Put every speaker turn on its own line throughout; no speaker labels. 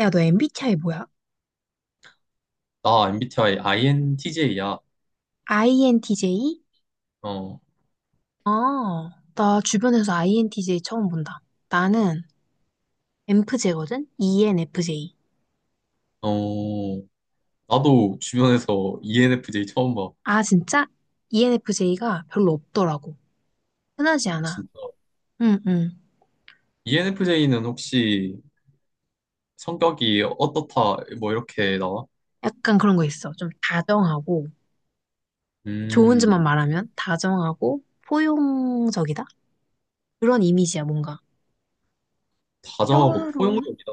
야, 너 MBTI 뭐야?
나 MBTI INTJ야.
INTJ?
어,
아, 나 주변에서 INTJ 처음 본다. 나는 ENFJ거든? ENFJ.
어, 나도 주변에서 ENFJ 처음 봐.
아, 진짜? ENFJ가 별로 없더라고. 흔하지 않아.
진짜.
응, 응.
ENFJ는 혹시 성격이 어떻다, 뭐 이렇게 나와?
약간 그런 거 있어. 좀 다정하고, 좋은 점만
음,
말하면 다정하고, 포용적이다? 그런 이미지야, 뭔가.
다정하고
평화로운,
포용적이다.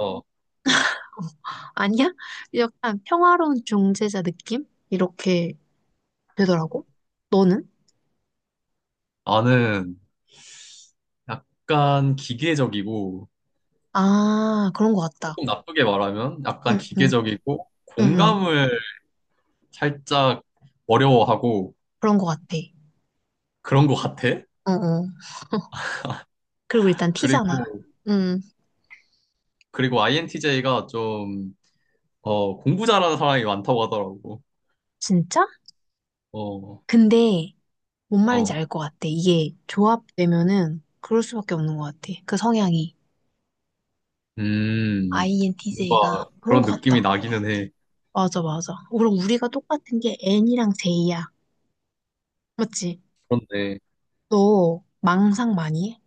아니야? 약간 평화로운 중재자 느낌? 이렇게 되더라고. 너는?
나는 약간 기계적이고,
아, 그런 거 같다.
조금 나쁘게 말하면 약간
응, 응.
기계적이고,
응, 응.
공감을 살짝 어려워하고
그런 것 같아.
그런 것 같아.
어, 어. 그리고 일단 티잖아.
그리고,
응,
그리고 INTJ가 좀 공부 잘하는 사람이 많다고 하더라고.
진짜?
어,
근데 뭔 말인지
어.
알 것 같아. 이게 조합되면은 그럴 수밖에 없는 것 같아. 그 성향이.
음,
INTJ가
뭔가
그런
그런
것
느낌이
같다.
나기는 해.
맞아, 맞아. 어, 그럼 우리가 똑같은 게 N이랑 J야. 맞지?
그런데,
너 망상 많이 해?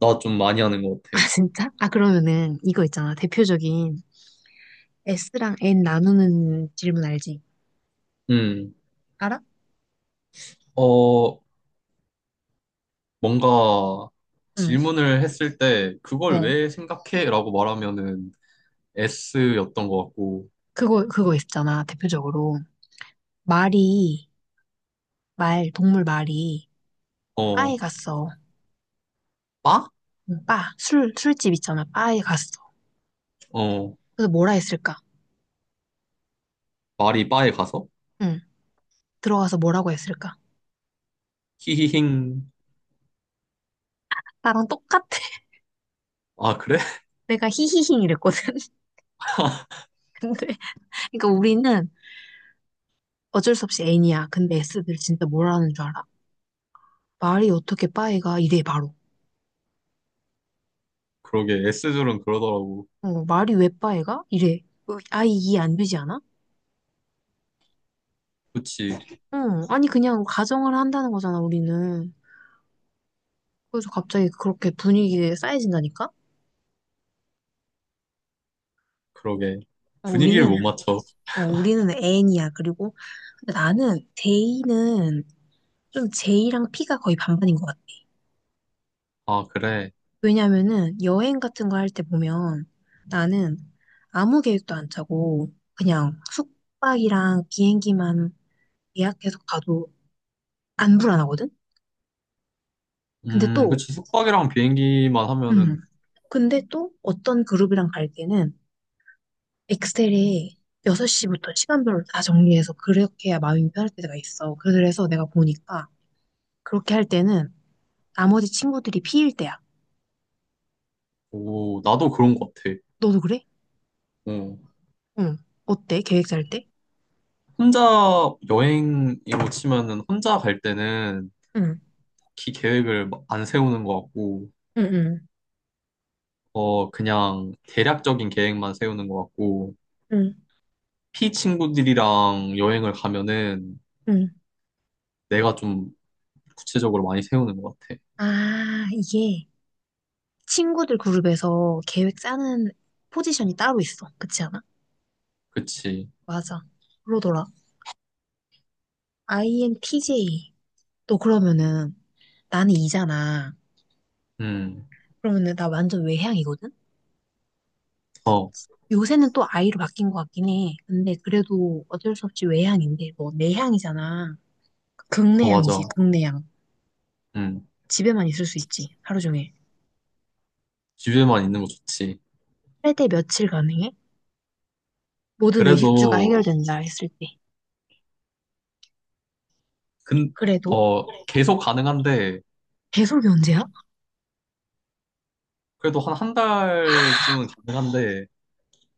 나 좀 많이 하는 것
아,
같아.
진짜? 아, 그러면은 이거 있잖아. 대표적인 S랑 N 나누는 질문 알지?
음,
알아?
어, 뭔가
응.
질문을 했을 때, 그걸
어.
왜 생각해? 라고 말하면은 S였던 것 같고,
그거 있잖아. 대표적으로. 말이 동물 말이 바에
어,
갔어.
빠?
응, 바, 술집 있잖아. 바에 갔어.
어,
그래서 뭐라 했을까?
말이 바에 가서?
응, 들어가서 뭐라고 했을까?
히히힝.
나랑 똑같아.
아, 그래?
내가 히히힝 이랬거든. 근데, 그러니까 우리는 어쩔 수 없이 N이야. 근데 S들 진짜 뭐라는 줄 알아? 말이 어떻게 바에 가? 이래, 바로.
그러게, S들은 그러더라고.
어, 말이 왜 바에 가? 이래. 어, 아예 이해 안 되지 않아?
그치,
응, 아니, 그냥 가정을 한다는 거잖아, 우리는. 그래서 갑자기 그렇게 분위기에 쌓여진다니까?
그러게.
어,
분위기를
우리는
못 맞춰.
어, 우리는 N이야. 그리고 나는 J는 좀 J랑 P가 거의 반반인 것 같아.
아, 그래.
왜냐면은 여행 같은 거 할 때 보면 나는 아무 계획도 안 짜고 그냥 숙박이랑 비행기만 예약해서 가도 안 불안하거든? 근데 또,
그치. 숙박이랑 비행기만
음,
하면은,
근데 또 어떤 그룹이랑 갈 때는 엑셀에 6시부터 시간별로 다 정리해서 그렇게 해야 마음이 편할 때가 있어. 그래서 내가 보니까 그렇게 할 때는 나머지 친구들이 P일 때야.
오, 나도 그런 것 같아.
너도 그래?
어.
응. 어때? 계획 짤 때?
혼자 여행으로 치면은, 혼자 갈 때는
응,
딱히 계획을 안 세우는 것 같고,
응, 응,
어, 그냥 대략적인 계획만 세우는 것 같고,
응,
피 친구들이랑 여행을 가면은
응.
내가 좀 구체적으로 많이 세우는 것 같아.
아, 이게 친구들 그룹에서 계획 짜는 포지션이 따로 있어. 그렇지 않아?
그치.
맞아. 그러더라. INTJ. 너 그러면은 나는 이잖아.
음,
그러면은 나 완전 외향이거든?
어,
요새는 또 I로 바뀐 것 같긴 해. 근데 그래도 어쩔 수 없이 외향인데 뭐 내향이잖아.
어, 맞아.
극내향이지, 극내향.
음,
집에만 있을 수 있지, 하루 종일.
집에만 있는 거 좋지.
할 때 며칠 가능해? 모든
그래도,
의식주가 해결된다 했을 때.
근,
그래도
계속 가능한데,
배속이 언제야?
그래도 한 한 달쯤은 가능한데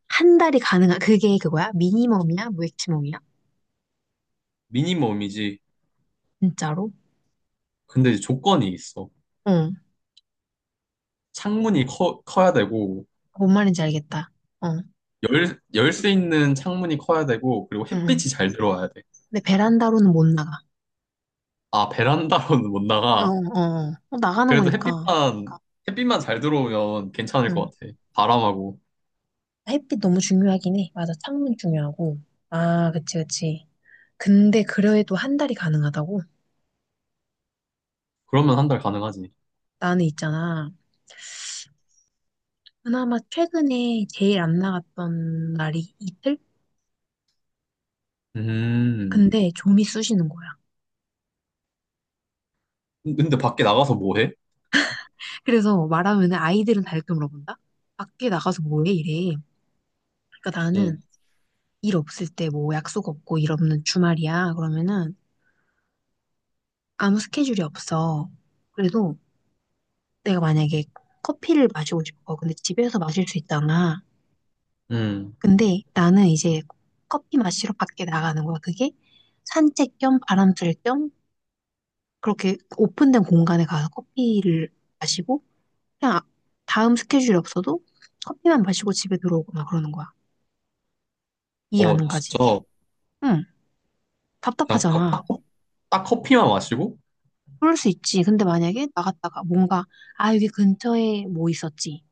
한 달이 가능한, 그게 그거야? 미니멈이야? 무액치멈이야?
미니멈이지.
진짜로?
근데 이제 조건이 있어.
응.
창문이 커야 되고
뭔 말인지 알겠다. 어. 응.
열수 있는 창문이 커야 되고 그리고
응.
햇빛이 잘 들어와야 돼.
근데 베란다로는 못 나가.
아, 베란다로는 못
어,
나가.
어. 어, 나가는
그래도
거니까.
햇빛만 잘 들어오면 괜찮을
응.
것 같아. 바람하고.
햇빛 너무 중요하긴 해. 맞아, 창문 중요하고. 아, 그치, 그치. 근데 그래도 한 달이 가능하다고?
그러면 한 달 가능하지.
나는 있잖아. 그나마 최근에 제일 안 나갔던 날이 이틀?
음.
근데 좀이 쑤시는 거야.
근데 밖에 나가서 뭐 해?
그래서 말하면은 아이들은 다 이렇게 물어본다? 밖에 나가서 뭐해? 이래. 그러니까
어.
나는 일 없을 때 뭐 약속 없고 일 없는 주말이야. 그러면은 아무 스케줄이 없어. 그래도 내가 만약에 커피를 마시고 싶어. 근데 집에서 마실 수 있잖아.
음.
근데 나는 이제 커피 마시러 밖에 나가는 거야. 그게 산책 겸 바람 쐴겸 그렇게 오픈된 공간에 가서 커피를 마시고 그냥 아- 다음 스케줄이 없어도 커피만 마시고 집에 들어오거나 그러는 거야. 이해
어,
안 가지?
진짜
응,
그냥
답답하잖아.
딱 커피만 마시고?
그럴 수 있지. 근데 만약에 나갔다가 뭔가, 아, 여기 근처에 뭐 있었지.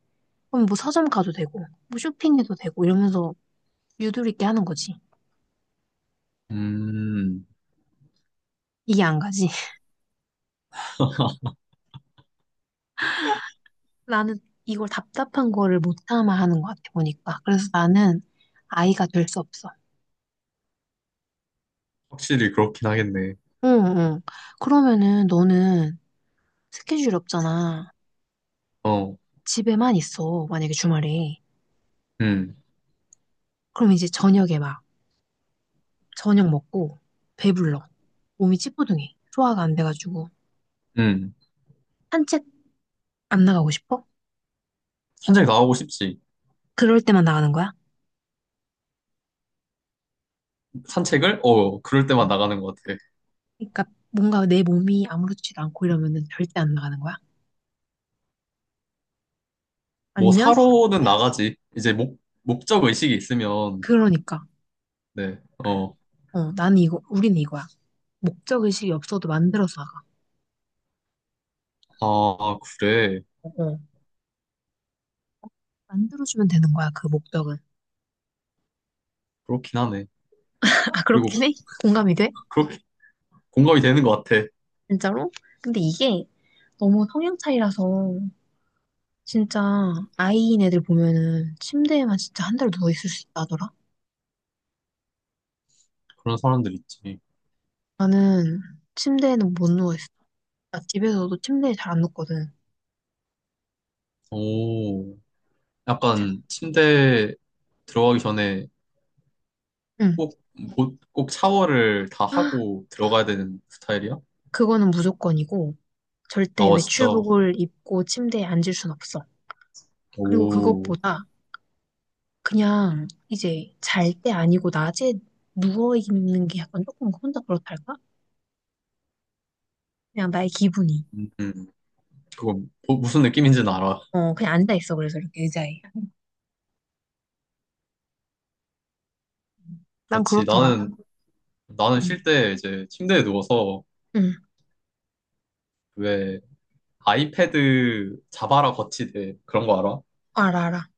그럼 뭐 서점 가도 되고, 뭐 쇼핑해도 되고 이러면서 유도리 있게 하는 거지.
음.
이게 안 가지. 나는 이걸 답답한 거를 못 참아 하는 것 같아, 보니까. 그래서 나는 아이가 될 수 없어.
확실히 그렇긴 하겠네.
응, 응. 그러면은 너는 스케줄이 없잖아.
어.
집에만 있어, 만약에 주말에.
음,
그럼 이제 저녁에 막, 저녁 먹고, 배불러. 몸이 찌뿌둥해. 소화가 안 돼가지고.
음.
산책 안 나가고 싶어?
산책 나가고 싶지.
그럴 때만 나가는 거야?
산책을? 어, 그럴 때만
응.
나가는 것 같아.
그러니까 뭔가 내 몸이 아무렇지도 않고 이러면은 절대 안 나가는 거야?
뭐
아니면
사러는 나가지. 이제 목적 의식이 있으면,
그러니까
네, 어,
어 나는 이거 우리는 이거야 목적 의식이 없어도 만들어서 나가
아, 그래.
어, 어. 만들어주면 되는 거야 그 목적은
그렇긴 하네.
아
그리고
그렇긴 해 공감이 돼
그렇게 공감이 되는 것 같아.
진짜로 근데 이게 너무 성향 차이라서 진짜 아이인 애들 보면은 침대에만 진짜 한 달 누워 있을 수 있다더라
그런 사람들 있지.
나는 침대에는 못 누워 있어 나 집에서도 침대에 잘 안 눕거든
오, 약간 침대 들어가기 전에
응
꼭, 꼭 샤워를 다 하고 들어가야 되는 스타일이야?
그거는 무조건이고, 절대
아, 진짜.
외출복을 입고 침대에 앉을 순 없어. 그리고
오,
그것보다 그냥 이제 잘 때 아니고 낮에 누워있는 게 약간 조금 혼자 그렇달까? 그냥 나의 기분이.
음, 음. 그거 무슨 느낌인지는 알아.
어, 그냥 앉아있어. 그래서 이렇게 의자에. 난
그렇지.
그렇더라.
나는
응.
쉴 때 이제 침대에 누워서
응,
왜 아이패드 자바라 거치대 그런 거 알아?
어, 알아.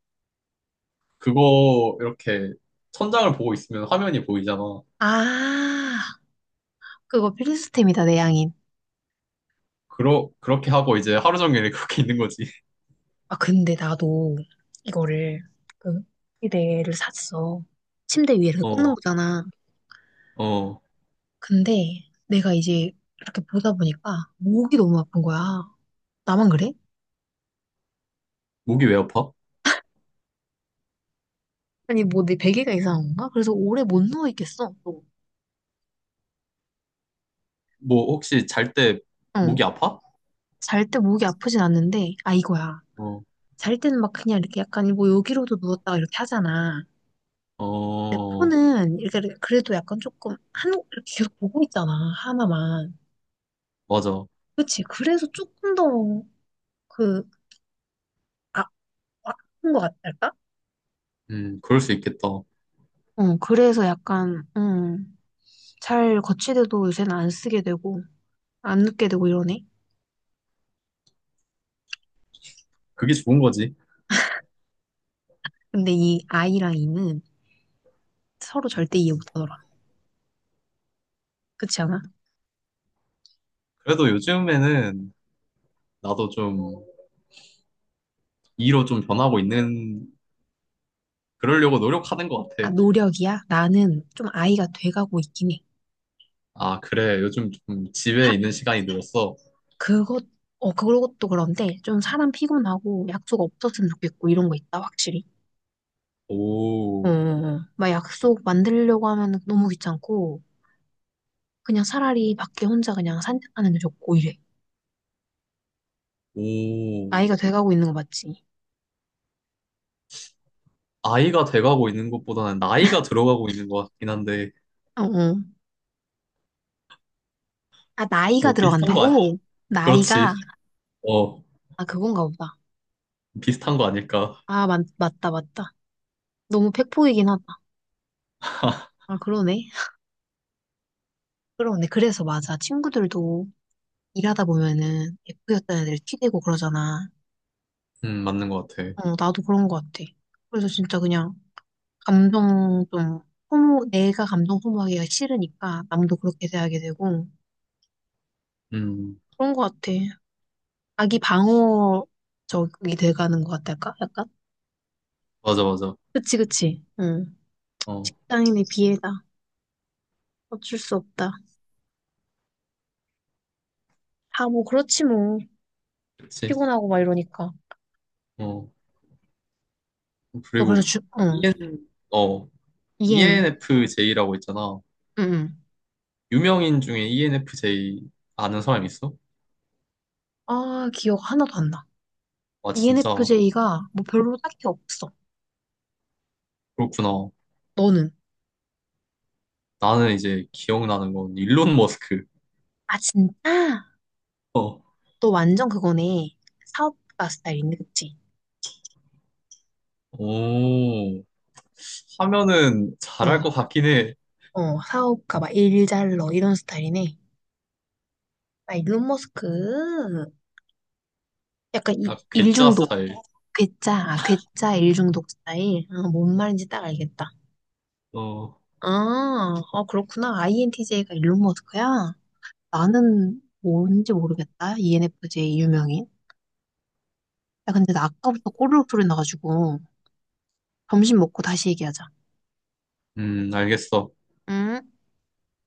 그거 이렇게 천장을 보고 있으면 화면이 보이잖아.
아, 그거 필수템이다, 내 양인.
그렇게 하고 이제 하루 종일 그렇게 있는 거지.
아, 근데 나도 이거를, 그, 침대를 샀어. 침대 위에 이렇게 꽂는
어,
거잖아.
어.
근데 내가 이제 이렇게 보다 보니까 목이 너무 아픈 거야. 나만 그래?
목이 왜 아파?
아니, 뭐 내 베개가 이상한 건가? 그래서 오래 못 누워 있겠어. 또.
뭐 혹시 잘 때
어.
목이 아파?
잘 때 목이 아프진 않는데, 아, 이거야.
어,
잘 때는 막 그냥 이렇게 약간 뭐 여기로도 누웠다가 이렇게 하잖아. 근데
어,
폰은 이렇게 그래도 약간 조금 한, 이렇게 계속 보고 있잖아. 하나만.
맞아.
그치. 그래서 조금 더 그, 아, 아픈 것 같달까?
그럴 수 있겠다.
어, 그래서 약간, 잘 거치대도 요새는 안 쓰게 되고, 안 눕게 되고 이러네.
그게 좋은 거지.
근데 이 아이랑 이는 서로 절대 이해 못하더라. 그렇지 않아?
그래도 요즘에는 나도 좀 이로 좀 변하고 있는, 그러려고 노력하는 것 같아.
아, 노력이야? 나는 좀 아이가 돼가고 있긴 해.
아, 그래. 요즘 좀 집에
사-
있는 시간이 늘었어.
그것, 어, 그것도 그런데 좀 사람 피곤하고 약속 없었으면 좋겠고 이런 거 있다, 확실히. 어, 어,
오,
어. 막 약속 만들려고 하면 너무 귀찮고 그냥 차라리 밖에 혼자 그냥 산책하는 게 좋고 이래.
오.
나이가 돼가고 있는 거 맞지?
아이가 돼가고 있는 것보다는 나이가 들어가고 있는 것 같긴 한데,
어, 어. 아, 나이가
뭐 비슷한 거, 아.
들어간다고? 나이가?
그렇지. 어,
아, 그건가 보다.
비슷한 거 아닐까.
아, 맞다, 맞다. 너무 팩폭이긴 하다. 아, 그러네. 그러네. 그래서 맞아. 친구들도 일하다 보면은 F였던 애들 t 대고 그러잖아.
맞는 것 같아.
어, 나도 그런 것 같아. 그래서 진짜 그냥 감정 좀 소모, 내가 감정 소모하기가 싫으니까 남도 그렇게 대하게 되고
음,
그런 것 같아. 자기 방어적이 돼가는 것 같달까? 약간?
맞아, 맞아.
그치, 그치. 응.
어,
직장인의 비애다. 어쩔 수 없다. 다 뭐 그렇지 뭐.
그치.
피곤하고 막 이러니까.
어,
또 그래서
그리고,
주, 응.
EN, 어,
이엔,
ENFJ라고 있잖아.
응. 응.
유명인 중에 ENFJ 아는 사람 있어?
아, 기억 하나도 안 나.
아, 진짜.
ENFJ가 뭐 별로 딱히 없어.
그렇구나.
너는?
나는 이제 기억나는 건 일론 머스크.
아, 진짜?
어,
너 완전 그거네. 사업가 스타일인데, 그치?
오, 하면은
어,
잘할 것 같긴 해.
어, 사업가 막 일잘러 이런 스타일이네. 아, 일론 머스크. 약간 이,
아, 괴짜
일중독.
스타일.
괴짜, 아, 괴짜 일중독 스타일. 아, 뭔 말인지 딱 알겠다.
어,
아, 아, 그렇구나. INTJ가 일론 머스크야? 나는 뭔지 모르겠다. ENFJ 유명인. 야, 근데 나 아까부터 꼬르륵 소리 나가지고 점심 먹고 다시 얘기하자.
알겠어.
음.